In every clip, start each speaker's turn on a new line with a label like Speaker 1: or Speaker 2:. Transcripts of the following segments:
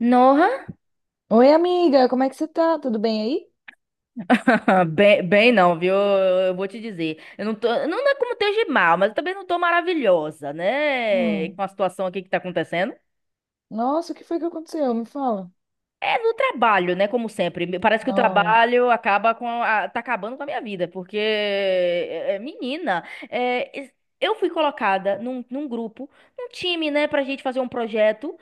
Speaker 1: Nossa,
Speaker 2: Oi, amiga, como é que você tá? Tudo bem aí?
Speaker 1: bem, bem não, viu? Eu vou te dizer. Eu não tô, não é como esteja mal, mas eu também não tô maravilhosa, né? Com
Speaker 2: Hum.
Speaker 1: a situação aqui que tá acontecendo.
Speaker 2: Nossa, o que foi que aconteceu? Me fala.
Speaker 1: É do trabalho, né? Como sempre. Parece que o
Speaker 2: Nossa.
Speaker 1: trabalho acaba tá acabando com a minha vida, porque menina, eu fui colocada num grupo, num time, né, pra gente fazer um projeto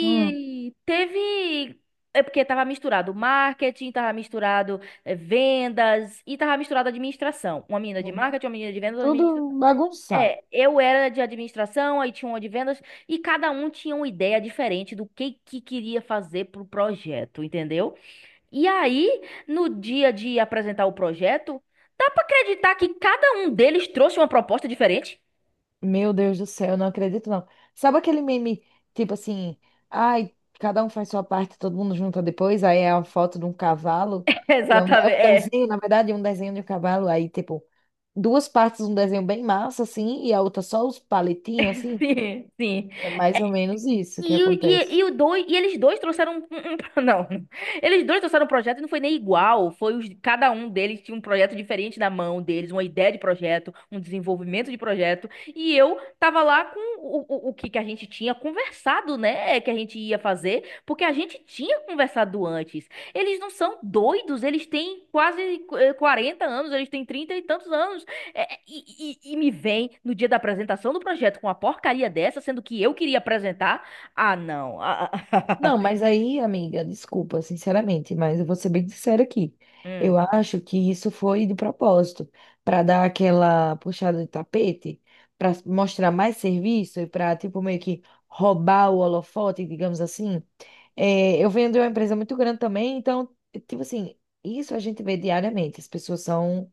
Speaker 2: Hum.
Speaker 1: teve. É porque tava misturado marketing, tava misturado vendas e tava misturado administração. Uma menina de
Speaker 2: Uhum.
Speaker 1: marketing, uma menina de vendas, uma menina de,
Speaker 2: Tudo bagunçado.
Speaker 1: é, eu era de administração, aí tinha uma de vendas, e cada um tinha uma ideia diferente do que queria fazer pro projeto, entendeu? E aí, no dia de apresentar o projeto, dá pra acreditar que cada um deles trouxe uma proposta diferente?
Speaker 2: Meu Deus do céu, eu não acredito não. Sabe aquele meme, tipo assim, ai, cada um faz sua parte, todo mundo junta depois, aí é a foto de um cavalo, e é
Speaker 1: Exatamente,
Speaker 2: um
Speaker 1: é.
Speaker 2: desenho, na verdade, é um desenho de um cavalo, aí tipo, duas partes, um desenho bem massa, assim, e a outra só os palitinhos, assim.
Speaker 1: Sim, sim.
Speaker 2: É mais ou menos isso que
Speaker 1: E, o- e,
Speaker 2: acontece.
Speaker 1: e, o dois, e eles dois trouxeram um não, eles dois trouxeram um projeto e não foi nem igual, foi os, cada um deles tinha um projeto diferente na mão deles, uma ideia de projeto, um desenvolvimento de projeto, e eu tava lá com o que que a gente tinha conversado, né, que a gente ia fazer, porque a gente tinha conversado antes. Eles não são doidos, eles têm quase 40 anos, eles têm 30 e tantos anos. E me vem no dia da apresentação do projeto com uma porcaria dessa, sendo que eu queria apresentar. Ah, não.
Speaker 2: Não, mas aí, amiga, desculpa, sinceramente, mas eu vou ser bem sincera aqui.
Speaker 1: Hum.
Speaker 2: Eu acho que isso foi de propósito, para dar aquela puxada de tapete, para mostrar mais serviço e para, tipo, meio que roubar o holofote, digamos assim. É, eu venho de uma empresa muito grande também, então, tipo assim, isso a gente vê diariamente. As pessoas são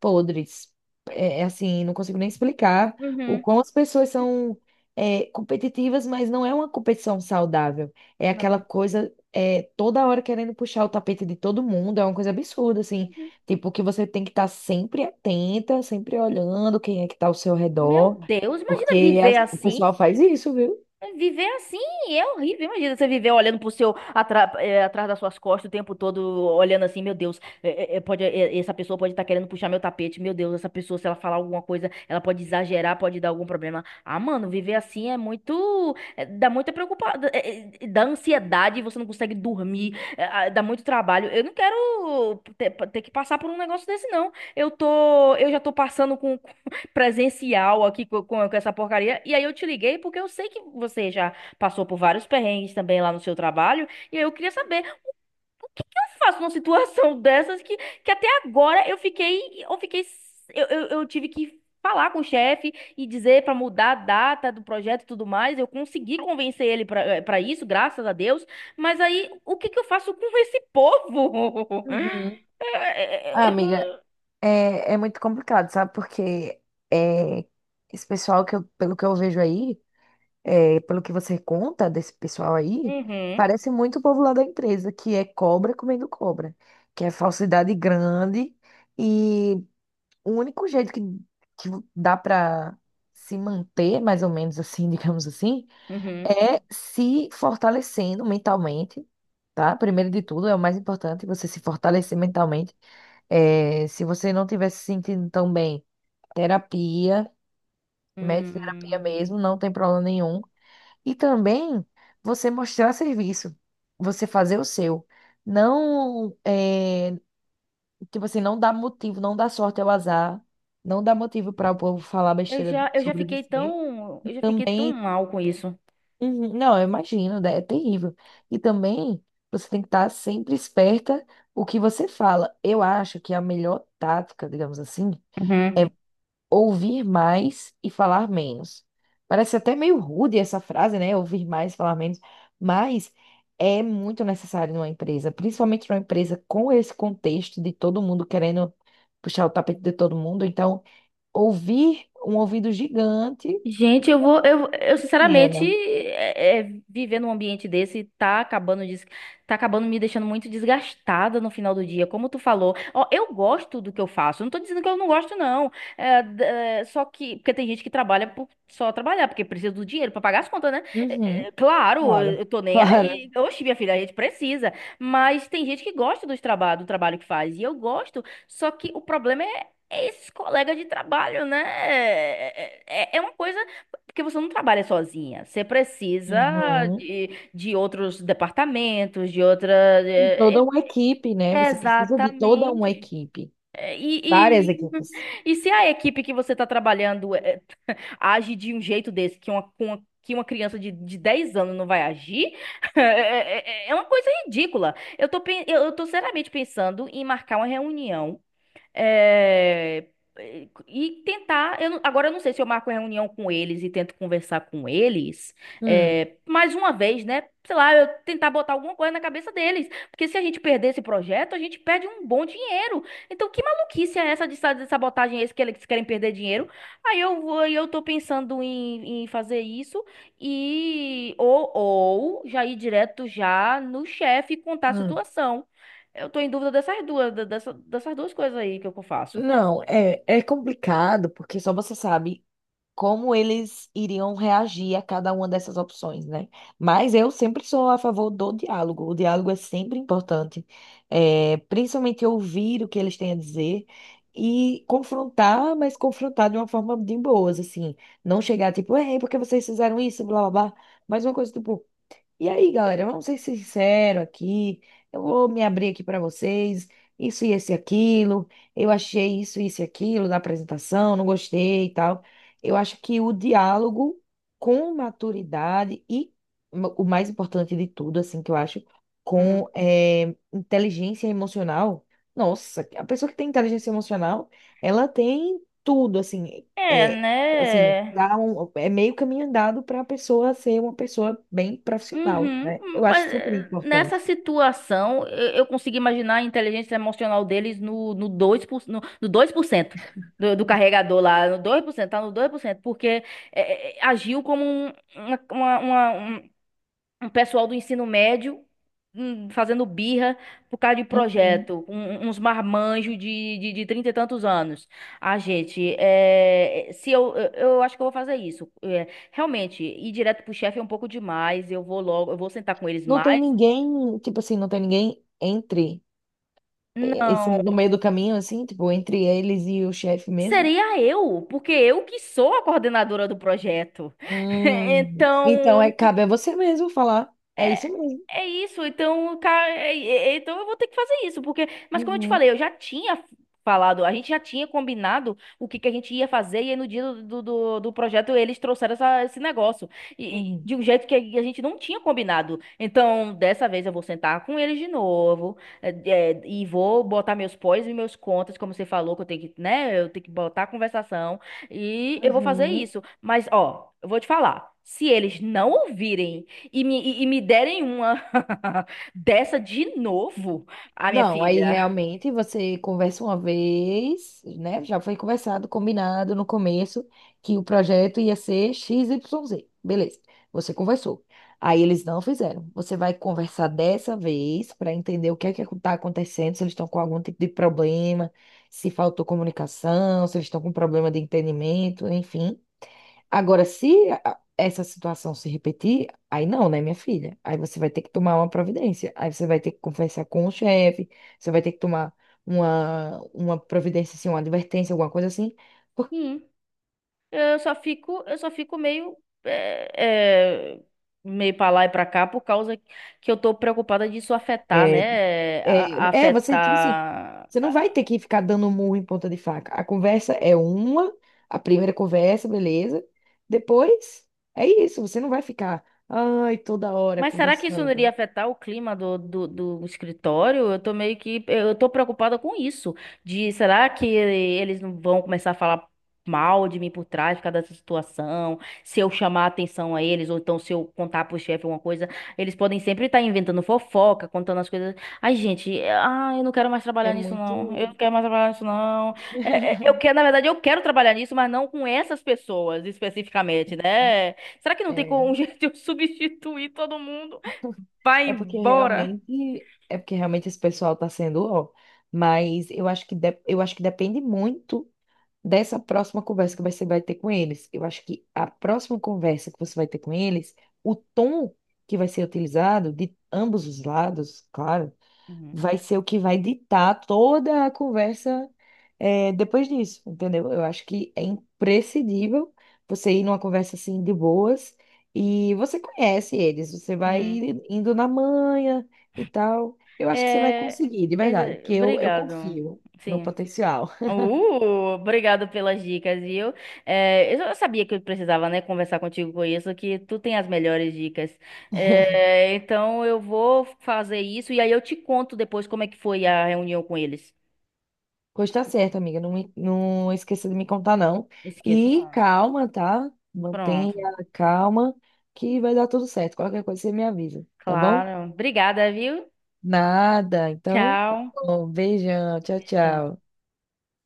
Speaker 2: podres. É, é assim, não consigo nem explicar o
Speaker 1: Uhum.
Speaker 2: quão as pessoas são competitivas, mas não é uma competição saudável. É aquela
Speaker 1: Não.
Speaker 2: coisa toda hora querendo puxar o tapete de todo mundo, é uma coisa absurda, assim.
Speaker 1: Uhum.
Speaker 2: Tipo, que você tem que estar sempre atenta, sempre olhando quem é que está ao seu
Speaker 1: Meu
Speaker 2: redor,
Speaker 1: Deus, imagina
Speaker 2: porque
Speaker 1: viver
Speaker 2: o
Speaker 1: assim.
Speaker 2: pessoal faz isso, viu?
Speaker 1: Viver assim é horrível. Imagina você viver olhando pro seu, atrás das suas costas o tempo todo, olhando assim, meu Deus, essa pessoa pode estar querendo puxar meu tapete. Meu Deus, essa pessoa, se ela falar alguma coisa, ela pode exagerar, pode dar algum problema. Ah, mano, viver assim é muito. É, dá muita preocupação. Dá ansiedade, você não consegue dormir, dá muito trabalho. Eu não quero ter que passar por um negócio desse, não. Eu já tô passando presencial aqui com essa porcaria. E aí eu te liguei porque eu sei que você já passou por vários perrengues também lá no seu trabalho. E aí eu queria saber o que que eu faço numa situação dessas que até agora eu fiquei, eu fiquei, eu tive que falar com o chefe e dizer para mudar a data do projeto e tudo mais. Eu consegui convencer ele para isso, graças a Deus. Mas aí o que que eu faço com esse povo?
Speaker 2: Uhum.
Speaker 1: Eu, eu,
Speaker 2: Ah,
Speaker 1: eu
Speaker 2: amiga,
Speaker 1: tô...
Speaker 2: é, é muito complicado, sabe? Porque é, esse pessoal que eu, pelo que eu vejo aí. É, pelo que você conta desse pessoal aí,
Speaker 1: Uhum,
Speaker 2: parece muito o povo lá da empresa, que é cobra comendo cobra, que é falsidade grande e o único jeito que dá para se manter, mais ou menos assim, digamos assim,
Speaker 1: uhum.
Speaker 2: é se fortalecendo mentalmente. Tá? Primeiro de tudo, é o mais importante você se fortalecer mentalmente. É, se você não estiver se sentindo tão bem, terapia, mete terapia
Speaker 1: Hum.
Speaker 2: mesmo, não tem problema nenhum. E também você mostrar serviço, você fazer o seu. Não, é, tipo assim, não dá motivo, não dá sorte ao azar, não dá motivo para o povo falar besteira
Speaker 1: Eu já
Speaker 2: sobre
Speaker 1: fiquei
Speaker 2: você.
Speaker 1: tão,
Speaker 2: E
Speaker 1: eu já fiquei tão
Speaker 2: também,
Speaker 1: mal com isso.
Speaker 2: uhum, não, eu imagino, né, é terrível. E também você tem que estar sempre esperta o que você fala. Eu acho que a melhor tática, digamos assim,
Speaker 1: Uhum.
Speaker 2: ouvir mais e falar menos. Parece até meio rude essa frase, né? Ouvir mais e falar menos, mas é muito necessário numa empresa, principalmente numa empresa com esse contexto de todo mundo querendo puxar o tapete de todo mundo. Então, ouvir um ouvido gigante,
Speaker 1: Gente, eu sinceramente,
Speaker 2: pequeno.
Speaker 1: viver num ambiente desse tá tá acabando me deixando muito desgastada no final do dia, como tu falou. Ó, eu gosto do que eu faço, eu não tô dizendo que eu não gosto, não. Só que, porque tem gente que trabalha por só trabalhar, porque precisa do dinheiro pra pagar as contas, né?
Speaker 2: Uhum,
Speaker 1: Claro, eu
Speaker 2: claro,
Speaker 1: eu tô nem aí.
Speaker 2: claro.
Speaker 1: Oxe, minha filha, a gente precisa. Mas tem gente que gosta dos traba do trabalho que faz, e eu gosto, só que o problema é, é esses colegas de trabalho, né? É uma coisa, porque você não trabalha sozinha. Você precisa
Speaker 2: Uhum.
Speaker 1: de outros departamentos, de outra. é-
Speaker 2: Toda uma equipe, né? Você precisa de toda uma
Speaker 1: Exatamente.
Speaker 2: equipe,
Speaker 1: É, E,
Speaker 2: várias
Speaker 1: e,
Speaker 2: equipes.
Speaker 1: e se a equipe que você está trabalhando age de um jeito desse, que uma criança de 10 anos não vai agir, é, é- é uma coisa ridícula. Eu tô seriamente pensando em marcar uma reunião é, e tentar. Eu não- Agora eu não sei se eu marco reunião com eles e tento conversar com eles.
Speaker 2: Hum,
Speaker 1: Mais uma vez, né? Sei lá, eu tentar botar alguma coisa na cabeça deles. Porque se a gente perder esse projeto, a gente perde um bom dinheiro. Então, que maluquice é essa de sabotagem é esse que eles querem perder dinheiro? Aí eu tô pensando em fazer isso e ou já ir direto já no chefe e contar a
Speaker 2: hum.
Speaker 1: situação. Eu tô em dúvida dessas duas, dessas duas coisas aí que eu faço.
Speaker 2: Não, é, é complicado, porque só você sabe como eles iriam reagir a cada uma dessas opções, né? Mas eu sempre sou a favor do diálogo. O diálogo é sempre importante, é, principalmente ouvir o que eles têm a dizer e confrontar, mas confrontar de uma forma de boas, assim. Não chegar tipo, ei, por que vocês fizeram isso, blá blá blá. Mas uma coisa tipo, e aí, galera, vamos ser sinceros aqui. Eu vou me abrir aqui para vocês. Isso e esse e aquilo. Eu achei isso isso e aquilo na apresentação, não gostei e tal. Eu acho que o diálogo com maturidade e o mais importante de tudo, assim, que eu acho,
Speaker 1: Hum.
Speaker 2: com inteligência emocional. Nossa, a pessoa que tem inteligência emocional, ela tem tudo, assim.
Speaker 1: É,
Speaker 2: Assim,
Speaker 1: né?
Speaker 2: dá um, é meio caminho andado para a pessoa ser uma pessoa bem profissional, né?
Speaker 1: Uhum,
Speaker 2: Eu acho
Speaker 1: mas
Speaker 2: super
Speaker 1: nessa
Speaker 2: importante.
Speaker 1: situação, eu consigo imaginar a inteligência emocional deles no 2%, no 2% do carregador lá, no 2%, tá no 2%, porque agiu como uma, uma, uma, um pessoal do ensino médio, fazendo birra por causa de
Speaker 2: Uhum.
Speaker 1: projeto, uns marmanjos de trinta e tantos anos. Ah, gente, é, se eu, eu acho que eu vou fazer isso. É, realmente, ir direto pro chefe é um pouco demais. Eu vou logo, eu vou sentar com eles
Speaker 2: Não tem
Speaker 1: mais.
Speaker 2: ninguém, tipo assim, não tem ninguém entre esse,
Speaker 1: Não,
Speaker 2: no meio do caminho, assim, tipo, entre eles e o chefe mesmo.
Speaker 1: seria eu, porque eu que sou a coordenadora do projeto. Então,
Speaker 2: Então, é, cabe a você mesmo falar. É
Speaker 1: é,
Speaker 2: isso mesmo.
Speaker 1: é isso, então, cara, então eu vou ter que fazer isso, porque, mas como eu te
Speaker 2: Uhum,
Speaker 1: falei, eu já tinha falado, a gente já tinha combinado o que que a gente ia fazer, e aí no dia do projeto eles trouxeram esse negócio, e
Speaker 2: uhum,
Speaker 1: de um jeito que a gente não tinha combinado. Então, dessa vez eu vou sentar com eles de novo, é, e vou botar meus pós e meus contas, como você falou, que eu tenho que, né, eu tenho que botar a conversação, e eu vou fazer
Speaker 2: uhum.
Speaker 1: isso. Mas, ó, eu vou te falar, se eles não ouvirem e me derem uma. Dessa de novo, a minha
Speaker 2: Não, aí
Speaker 1: filha.
Speaker 2: realmente você conversa uma vez, né? Já foi conversado, combinado no começo que o projeto ia ser X XYZ. Beleza, você conversou. Aí eles não fizeram. Você vai conversar dessa vez para entender o que é que está acontecendo, se eles estão com algum tipo de problema, se faltou comunicação, se eles estão com problema de entendimento, enfim. Agora, se essa situação se repetir, aí não, né, minha filha? Aí você vai ter que tomar uma providência. Aí você vai ter que conversar com o chefe, você vai ter que tomar uma providência, assim, uma advertência, alguma coisa assim. Por-
Speaker 1: Hum, eu só fico meio, é, é, meio para lá e para cá por causa que eu tô preocupada disso afetar,
Speaker 2: é,
Speaker 1: né?
Speaker 2: é, é, você, tipo assim,
Speaker 1: Afetar.
Speaker 2: você não vai ter que ficar dando murro em ponta de faca. A conversa é uma, a primeira conversa, beleza. Depois, é isso, você não vai ficar, ai, toda hora
Speaker 1: Mas será que isso não iria
Speaker 2: conversando.
Speaker 1: afetar o clima do escritório? Eu tô meio que. Eu tô preocupada com isso. De será que eles não vão começar a falar mal de mim por trás por causa dessa situação? Se eu chamar a atenção a eles, ou então se eu contar pro chefe alguma coisa, eles podem sempre estar inventando fofoca, contando as coisas. Ai, gente, eu não quero mais
Speaker 2: É
Speaker 1: trabalhar nisso, não. Eu não
Speaker 2: muito.
Speaker 1: quero mais trabalhar nisso, não. Eu quero, na verdade, eu quero trabalhar nisso, mas não com essas pessoas especificamente, né? Será que não tem como
Speaker 2: É.
Speaker 1: um jeito de eu substituir todo mundo? Vai embora.
Speaker 2: É porque realmente esse pessoal tá sendo, ó, mas eu acho que eu acho que depende muito dessa próxima conversa que você vai ter com eles. Eu acho que a próxima conversa que você vai ter com eles, o tom que vai ser utilizado de ambos os lados, claro,
Speaker 1: Uhum.
Speaker 2: vai ser o que vai ditar toda a conversa depois disso, entendeu? Eu acho que é imprescindível você ir numa conversa assim de boas e você conhece eles, você vai
Speaker 1: Uhum.
Speaker 2: indo na manha e tal. Eu acho que você vai
Speaker 1: É,
Speaker 2: conseguir, de verdade, porque eu
Speaker 1: obrigado.
Speaker 2: confio no
Speaker 1: Sim.
Speaker 2: potencial.
Speaker 1: Obrigado pelas dicas, viu? É, eu já sabia que eu precisava, né, conversar contigo com isso, que tu tem as melhores dicas. É, então eu vou fazer isso e aí eu te conto depois como é que foi a reunião com eles.
Speaker 2: Pois tá certo, amiga, não, não esqueça de me contar, não.
Speaker 1: Esqueço,
Speaker 2: E
Speaker 1: não.
Speaker 2: calma, tá? Mantenha
Speaker 1: Pronto.
Speaker 2: a calma, que vai dar tudo certo. Qualquer coisa você me avisa, tá bom?
Speaker 1: Claro. Obrigada, viu?
Speaker 2: Nada. Então, tá
Speaker 1: Tchau.
Speaker 2: bom. Beijão. Tchau,
Speaker 1: Beijão.
Speaker 2: tchau.